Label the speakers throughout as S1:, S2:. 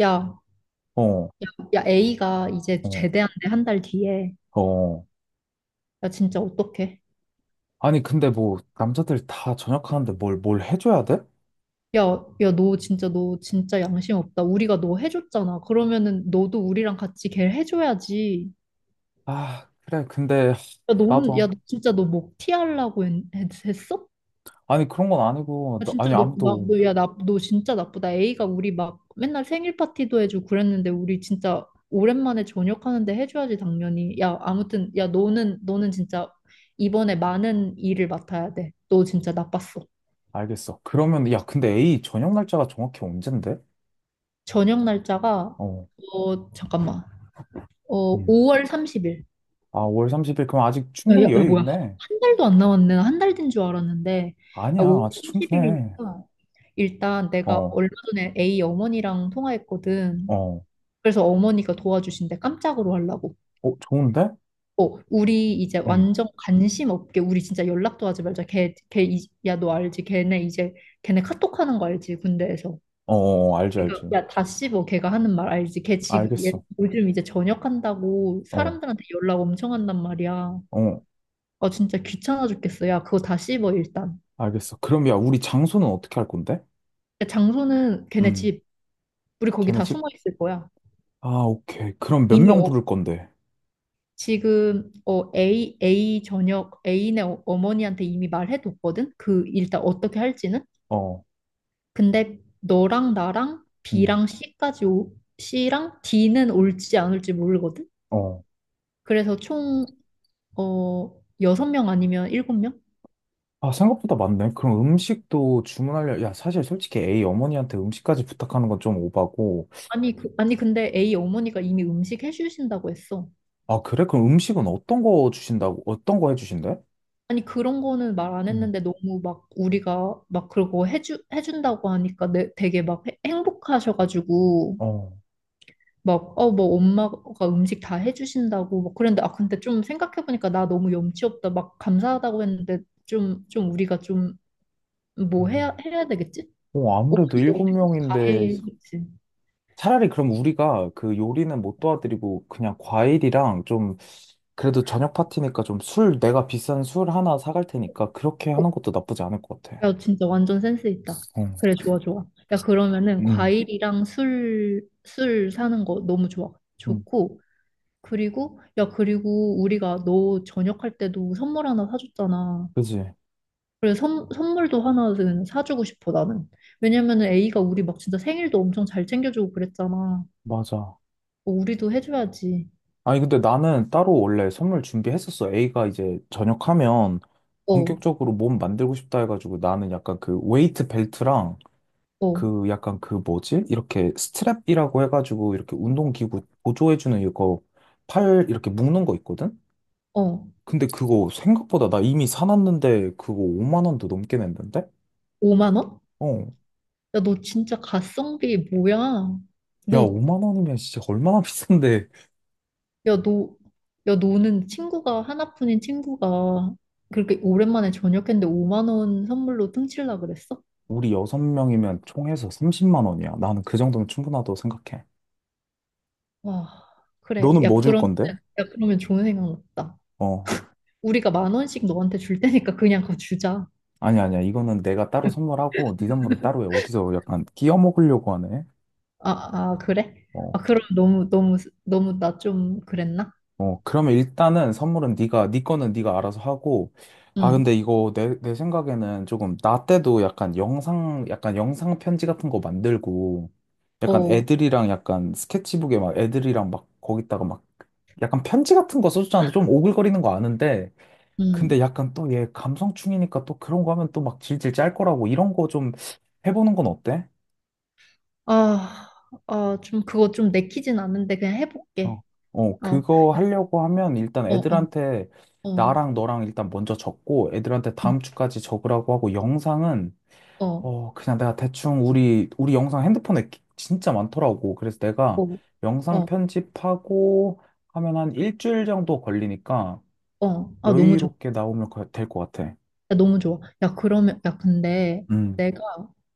S1: 야,
S2: 어,
S1: 야, A가 이제
S2: 어,
S1: 제대한대 한 달 뒤에.
S2: 어.
S1: 야, 진짜 어떡해?
S2: 아니, 근데 뭐, 남자들 다 전역하는데 뭘 해줘야 돼?
S1: 야, 야, 너 진짜, 너 진짜 양심 없다. 우리가 너 해줬잖아. 그러면은 너도 우리랑 같이 걔 해줘야지.
S2: 아, 그래, 근데,
S1: 야,
S2: 나도,
S1: 너는, 야, 너 진짜 너 목 티하려고 했어?
S2: 아니, 그런 건 아니고,
S1: 야, 진짜
S2: 아니,
S1: 너, 나,
S2: 아무도,
S1: 너, 야, 나, 너 진짜 나쁘다. A가 우리 막 맨날 생일 파티도 해주고 그랬는데 우리 진짜 오랜만에 저녁하는데 해줘야지, 당연히. 야, 아무튼, 야, 너는 진짜 이번에 많은 일을 맡아야 돼. 너 진짜 나빴어.
S2: 알겠어. 그러면, 야, 근데 A 저녁 날짜가 정확히 언젠데?
S1: 저녁 날짜가,
S2: 어,
S1: 잠깐만.
S2: 음.
S1: 5월 30일.
S2: 아, 5월 30일, 그럼 아직
S1: 야, 야,
S2: 충분히
S1: 야,
S2: 여유
S1: 뭐야?
S2: 있네.
S1: 한 달도 안 남았네. 한 달 된 줄 알았는데. 아,
S2: 아니야,
S1: 5월
S2: 아직 충분해.
S1: 30일이니까 일단 내가
S2: 어,
S1: 얼마 전에 A 어머니랑 통화했거든.
S2: 어,
S1: 그래서 어머니가 도와주신대, 깜짝으로 하려고.
S2: 어, 좋은데?
S1: 우리 이제
S2: 응,
S1: 완전 관심 없게 우리 진짜 연락도 하지 말자. 야, 너 알지? 걔네 이제 걔네 카톡 하는 거 알지? 군대에서.
S2: 어, 어, 어. 알지,
S1: 그러니까
S2: 알지.
S1: 야, 다 씹어. 걔가 하는 말 알지? 걔 지금 얘
S2: 알겠어.
S1: 요즘 이제 전역한다고
S2: 어,
S1: 사람들한테 연락 엄청 한단 말이야.
S2: 어,
S1: 아, 진짜 귀찮아 죽겠어. 야, 그거 다 씹어 일단.
S2: 알겠어. 그럼, 야, 우리 장소는 어떻게 할 건데?
S1: 야, 장소는 걔네
S2: 음.
S1: 집. 우리 거기
S2: 걔네
S1: 다 숨어 있을 거야.
S2: 아, 오케이. 그럼 몇
S1: 이미,
S2: 명 부를 건데?
S1: 지금 A A 전역 A네, 어머니한테 이미 말해뒀거든. 그 일단 어떻게 할지는.
S2: 어,
S1: 근데 너랑 나랑
S2: 음,
S1: B랑 C까지, 오, C랑 D는 올지 안 올지 모르거든.
S2: 어.
S1: 그래서 총, 어, 여섯 명 아니면 일곱 명?
S2: 아, 생각보다 많네. 그럼 음식도 주문하려, 야, 사실 솔직히 A 어머니한테 음식까지 부탁하는 건 좀 오바고.
S1: 아니, 그, 아니, 근데 A 어머니가 이미 음식 해주신다고 했어.
S2: 아, 그래? 그럼 음식은 어떤 거 주신다고, 어떤 거 해주신대?
S1: 아니, 그런 거는 말 안
S2: 음,
S1: 했는데 너무 막 우리가 막 그러고 해준다고 하니까 되게 막 행복하셔가지고
S2: 어.
S1: 막, 뭐 엄마가 음식 다 해주신다고 막 그랬는데, 아, 근데 좀 생각해보니까 나 너무 염치 없다. 막 감사하다고 했는데 좀, 우리가 좀 뭐 해야,
S2: 음.
S1: 해야 되겠지?
S2: 어, 아무래도
S1: 어머니도
S2: 일곱
S1: 우리 거다
S2: 명인데,
S1: 해겠지.
S2: 차라리 그럼 우리가 그 요리는 못 도와드리고, 그냥 과일이랑 좀, 그래도 저녁 파티니까 좀 술, 내가 비싼 술 하나 사갈 테니까, 그렇게 하는 것도 나쁘지 않을 것 같아.
S1: 야, 진짜 완전 센스 있다.
S2: 어,
S1: 그래, 좋아, 좋아. 야, 그러면은
S2: 음,
S1: 과일이랑 술 사는 거 너무 좋아.
S2: 음,
S1: 좋고. 그리고, 야, 그리고 우리가 너 저녁할 때도 선물 하나 사줬잖아.
S2: 그지?
S1: 그래, 선물도 하나는 사주고 싶어, 나는. 왜냐면은 A가 우리 막 진짜 생일도 엄청 잘 챙겨주고 그랬잖아.
S2: 맞아.
S1: 어, 우리도 해줘야지.
S2: 아니, 근데 나는 따로 원래 선물 준비했었어. A가 이제 전역하면
S1: 어,
S2: 본격적으로 몸 만들고 싶다 해가지고 나는 약간 그 웨이트 벨트랑
S1: 어,
S2: 그 약간 그 뭐지? 이렇게 스트랩이라고 해가지고 이렇게 운동기구 보조해주는 이거 팔 이렇게 묶는 거 있거든?
S1: 어.
S2: 근데 그거 생각보다 나 이미 사놨는데 그거 5만 원도 넘게 냈는데?
S1: 5만 원?
S2: 어.
S1: 야, 너 진짜 가성비 뭐야?
S2: 야,
S1: 너,
S2: 5만 원이면 진짜 얼마나 비싼데.
S1: 야, 너, 야, 너는 친구가, 하나뿐인 친구가 그렇게 오랜만에 저녁했는데 5만 원 선물로 뚱칠라 그랬어?
S2: 우리 여섯 명이면 총해서 30만 원이야. 나는 그 정도면 충분하다고 생각해.
S1: 와, 그래.
S2: 너는
S1: 야,
S2: 뭐 줄
S1: 그러면,
S2: 건데?
S1: 야, 그러면 좋은 생각 났다.
S2: 어.
S1: 우리가 만 원씩 너한테 줄 테니까 그냥 그거 주자.
S2: 아니, 아니야. 이거는 내가 따로 선물하고, 네 선물은 따로 해. 어디서 약간 끼워 먹으려고 하네.
S1: 아, 아, 그래?
S2: 어.
S1: 아, 그럼 너무, 너무, 너무 나 좀 그랬나?
S2: 어. 그러면 일단은 선물은 네가, 네 거는 네가 알아서 하고, 아, 근데
S1: 응,
S2: 이거 내 생각에는 조금, 나 때도 약간 영상 편지 같은 거 만들고, 약간
S1: 어,
S2: 애들이랑 약간 스케치북에 막 애들이랑 막 거기다가 막 약간 편지 같은 거 써주잖아. 좀 오글거리는 거 아는데,
S1: 응.
S2: 근데 약간 또 얘 감성충이니까 또 그런 거 하면 또 막 질질 짤 거라고 이런 거 좀 해보는 건 어때?
S1: 아, 아, 좀 그거 좀 내키진 않은데 그냥 해볼게.
S2: 어, 어,
S1: 어,
S2: 그거 하려고 하면 일단
S1: 어, 어,
S2: 애들한테
S1: 어,
S2: 나랑 너랑 일단 먼저 적고 애들한테
S1: 응,
S2: 다음 주까지 적으라고 하고 영상은
S1: 어,
S2: 그냥 내가 대충 우리 영상 핸드폰에 진짜 많더라고. 그래서 내가
S1: 어,
S2: 영상
S1: 어,
S2: 편집하고 하면 한 일주일 정도 걸리니까
S1: 어. 아, 너무 좋다.
S2: 여유롭게 나오면 될 것 같아.
S1: 야, 너무 좋아. 야, 그러면, 야, 근데
S2: 음,
S1: 내가,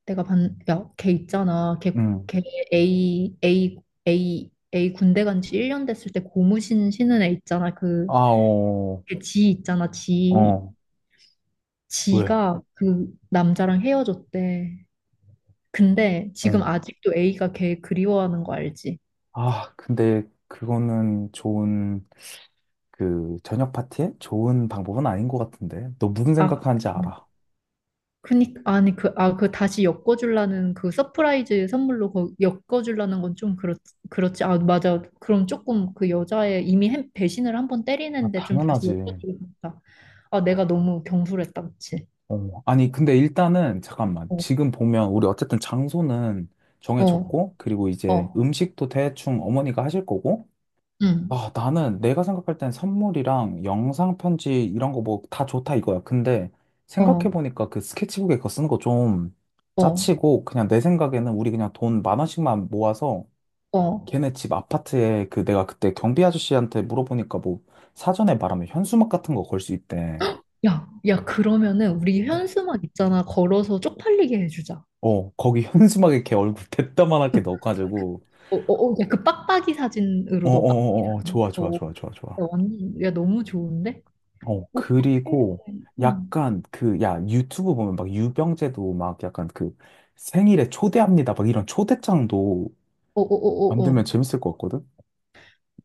S1: 내가 반, 야, 걔 있잖아. 걔,
S2: 음.
S1: 걔 A, A, A, A 군대 간지 1년 됐을 때 고무신 신은 애 있잖아.
S2: 아,
S1: 그,
S2: 어,
S1: 걔지 있잖아. 지.
S2: 어, 왜?
S1: 지가 그 남자랑 헤어졌대. 근데 지금
S2: 어.
S1: 아직도 A가 걔 그리워하는 거 알지?
S2: 아, 근데 그거는 좋은, 그, 저녁 파티에 좋은 방법은 아닌 것 같은데. 너 무슨
S1: 아,
S2: 생각하는지
S1: 음.
S2: 알아?
S1: 그니까 아니 그 아 그 다시 엮어주려는 그 서프라이즈 선물로 그 엮어주려는 건 좀 그렇. 그렇지. 아, 맞아. 그럼 조금 그 여자의 이미 배신을 한 번
S2: 아,
S1: 때리는데 좀 다시
S2: 당연하지.
S1: 엮어주겠다. 아, 내가 너무 경솔했다, 그치?
S2: 어. 아니, 근데 일단은, 잠깐만. 지금 보면, 우리 어쨌든 장소는 정해졌고, 그리고 이제 음식도 대충 어머니가 하실 거고, 아, 나는 내가 생각할 땐 선물이랑 영상 편지 이런 거 뭐 다 좋다 이거야. 근데
S1: 어어어응어어어야야.
S2: 생각해보니까 그 스케치북에 그거 쓰는 거 좀 짜치고, 그냥 내 생각에는 우리 그냥 돈 만 원씩만 모아서 걔네 집 아파트에 그 내가 그때 경비 아저씨한테 물어보니까 뭐 사전에 말하면 현수막 같은 거 걸 수 있대.
S1: 그러면은 우리 현수막 있잖아, 걸어서 쪽팔리게 해주자.
S2: 어, 거기 현수막에 걔 얼굴 대따만하게 넣어가지고.
S1: 어어야그 빡빡이
S2: 어,
S1: 사진으로
S2: 어,
S1: 너 빡빡이
S2: 어, 어, 어.
S1: 사진
S2: 좋아, 좋아,
S1: 어.
S2: 좋아, 좋아, 좋아.
S1: 야, 완전, 야, 너무 좋은데.
S2: 어,
S1: 어떡해.
S2: 그리고
S1: 응.
S2: 약간 그, 야, 유튜브 보면 막 유병재도 막 약간 그 생일에 초대합니다. 막 이런 초대장도
S1: 어어어어어.
S2: 만들면 재밌을 것 같거든?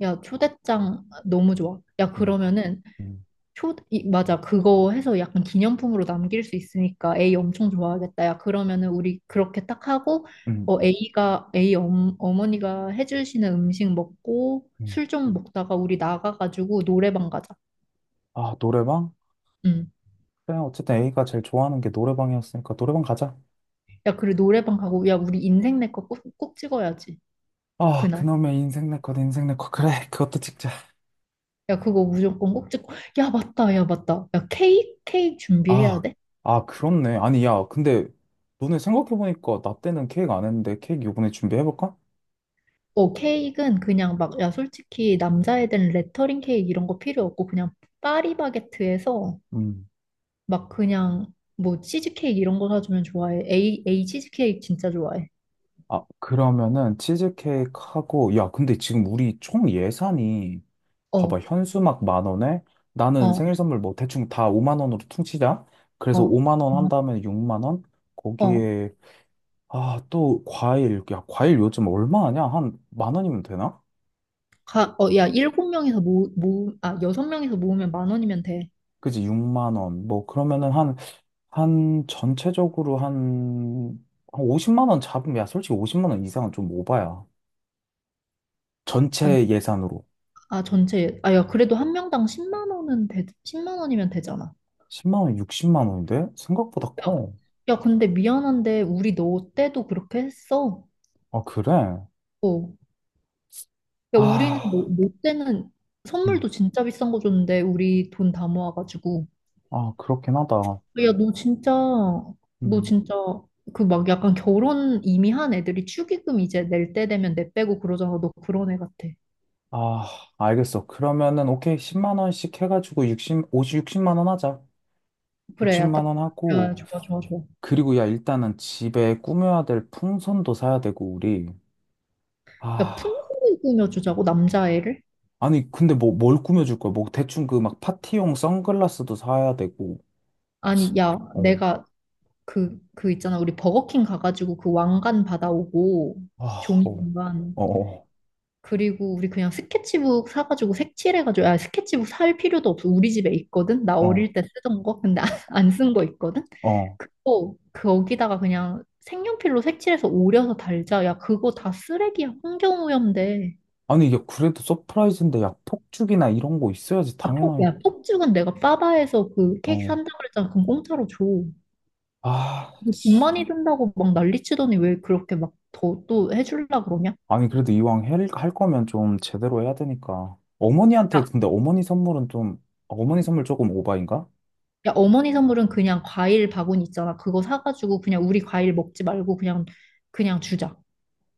S1: 야, 초대장 너무 좋아. 야,
S2: 음,
S1: 그러면은
S2: 음,
S1: 초 이, 맞아. 그거 해서 약간 기념품으로 남길 수 있으니까 A 엄청 좋아하겠다. 야, 그러면은 우리 그렇게 딱 하고
S2: 음.
S1: A가 A 엄, 어머니가 해주시는 음식 먹고
S2: 음.
S1: 술 좀 먹다가 우리 나가가지고 노래방 가자.
S2: 아, 노래방?
S1: 응.
S2: 그래, 어쨌든 A가 제일 좋아하는 게 노래방이었으니까 노래방 가자.
S1: 야, 그리고 노래방 가고 야, 우리 인생 내 거 꼭 꼭 찍어야지.
S2: 아,
S1: 그날.
S2: 그놈의 인생 네컷, 인생 네컷. 그래, 그것도 찍자.
S1: 야, 그거 무조건 꼭 찍고. 야, 맞다. 야, 맞다. 야, 케이크 케이크 준비해야
S2: 아,
S1: 돼.
S2: 아, 그렇네. 아니, 야, 근데 너네 생각해보니까 나 때는 케이크 안 했는데 케이크 요번에 준비해볼까?
S1: 어, 케이크는 그냥 막, 야, 솔직히 남자애들은 레터링 케이크 이런 거 필요 없고, 그냥 파리바게트에서
S2: 음.
S1: 막 그냥 뭐 치즈케이크 이런 거 사주면 좋아해. 에이, 에이 치즈케이크 진짜 좋아해.
S2: 아, 그러면은 치즈케이크 하고, 야, 근데 지금 우리 총 예산이, 봐봐,
S1: 어,
S2: 현수막 만 원에 나는
S1: 어,
S2: 생일 선물 뭐 대충 다 5만 원으로 퉁치자.
S1: 어,
S2: 그래서
S1: 어,
S2: 5만 원 한다면 6만 원?
S1: 어.
S2: 거기에, 아, 또 과일. 야, 과일 요즘 얼마 하냐? 한 만 원이면 되나?
S1: 어, 야, 일곱 명에서 아, 여섯 명에서 모으면 만 원이면 돼.
S2: 그지, 6만 원. 뭐, 그러면은 한, 전체적으로 한 50만 원 잡으면, 야, 솔직히 50만 원 이상은 좀 오바야.
S1: 아,
S2: 전체 예산으로.
S1: 아, 전체, 아, 야, 그래도 한 명당 십만 원은 십만 원이면 되잖아.
S2: 10만 원, 60만 원인데? 생각보다
S1: 야,
S2: 커.
S1: 야, 근데 미안한데, 우리 너 때도 그렇게 했어.
S2: 아, 그래?
S1: 어, 그러니까 우리는
S2: 아,
S1: 뭐 때는
S2: 음.
S1: 선물도 진짜 비싼 거 줬는데 우리 돈 다 모아가지고.
S2: 아, 그렇긴 하다.
S1: 야, 너 진짜, 너
S2: 음.
S1: 진짜 그 막 약간 결혼 이미 한 애들이 축의금 이제 낼 때 되면 내 빼고 그러잖아. 너 그런 애 같아.
S2: 아, 알겠어. 그러면은, 오케이. 10만 원씩 해가지고 60, 50 60만 원 하자.
S1: 그래, 야,
S2: 60만
S1: 딱.
S2: 원
S1: 야,
S2: 하고,
S1: 좋아, 좋아, 좋아.
S2: 그리고 야, 일단은 집에 꾸며야 될 풍선도 사야 되고, 우리.
S1: 야,
S2: 아.
S1: 풍선을 꾸며주자고? 남자애를.
S2: 아니, 근데 뭘 꾸며줄 거야? 뭐, 대충 그 막 파티용 선글라스도 사야 되고,
S1: 아니, 야,
S2: 어,
S1: 내가 그 있잖아, 우리 버거킹 가가지고 그 왕관 받아오고.
S2: 아,
S1: 종이 왕관.
S2: 어, 어,
S1: 그리고 우리 그냥 스케치북 사가지고 색칠해가지고, 아, 스케치북 살 필요도 없어. 우리 집에 있거든? 나
S2: 어,
S1: 어릴 때 쓰던 거? 근데 안 쓴 거 있거든?
S2: 어.
S1: 그거, 거기다가 그냥 색연필로 색칠해서 오려서 달자. 야, 그거 다 쓰레기야. 환경오염돼.
S2: 아니, 야, 그래도 서프라이즈인데, 야, 폭죽이나 이런 거 있어야지,
S1: 아,
S2: 당연하게.
S1: 야, 폭죽은 내가 빠바에서 그 케이크
S2: 어,
S1: 산다고 그랬잖아. 그럼 공짜로 줘. 돈
S2: 아, 씨.
S1: 많이 든다고 막 난리치더니 왜 그렇게 막 더 또 해주려고 그러냐?
S2: 아니, 그래도 이왕 할 거면 좀 제대로 해야 되니까. 어머니한테, 근데 어머니 선물은 좀, 어머니 선물 조금 오바인가?
S1: 야, 어머니 선물은 그냥 과일 바구니 있잖아. 그거 사가지고 그냥 우리 과일 먹지 말고 그냥, 주자.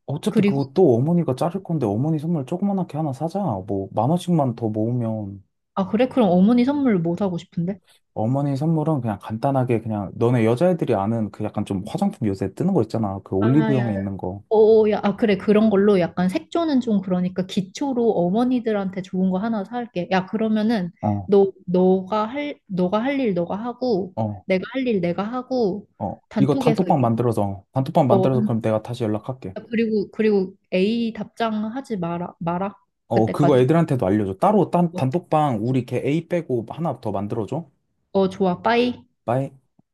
S2: 어차피
S1: 그리고,
S2: 그거 또 어머니가 자를 건데, 어머니 선물 조그만하게 하나 사자. 뭐, 만 원씩만 더 모으면.
S1: 아, 그래? 그럼 어머니 선물 뭐 사고 싶은데?
S2: 어머니 선물은 그냥 간단하게 그냥 너네 여자애들이 아는 그 약간 좀 화장품 요새 뜨는 거 있잖아. 그
S1: 아, 야,
S2: 올리브영에 있는 거.
S1: 어, 야, 아, 그래. 그런 걸로 약간 색조는 좀 그러니까 기초로 어머니들한테 좋은 거 하나 사올게. 야, 그러면은
S2: 어,
S1: 너가 할 일 너가 하고,
S2: 어,
S1: 내가 할 일 내가 하고,
S2: 어. 이거
S1: 단톡에서 이게,
S2: 단톡방
S1: 어,
S2: 만들어서
S1: 단-
S2: 그럼 내가 다시 연락할게.
S1: 그리고, A 답장 하지 마라, 마라.
S2: 어, 그거
S1: 그때까지.
S2: 애들한테도 알려줘. 따로
S1: 어,
S2: 단톡방 우리 걔 A 빼고 하나 더 만들어줘.
S1: 어, 좋아. 빠이.
S2: 빠이.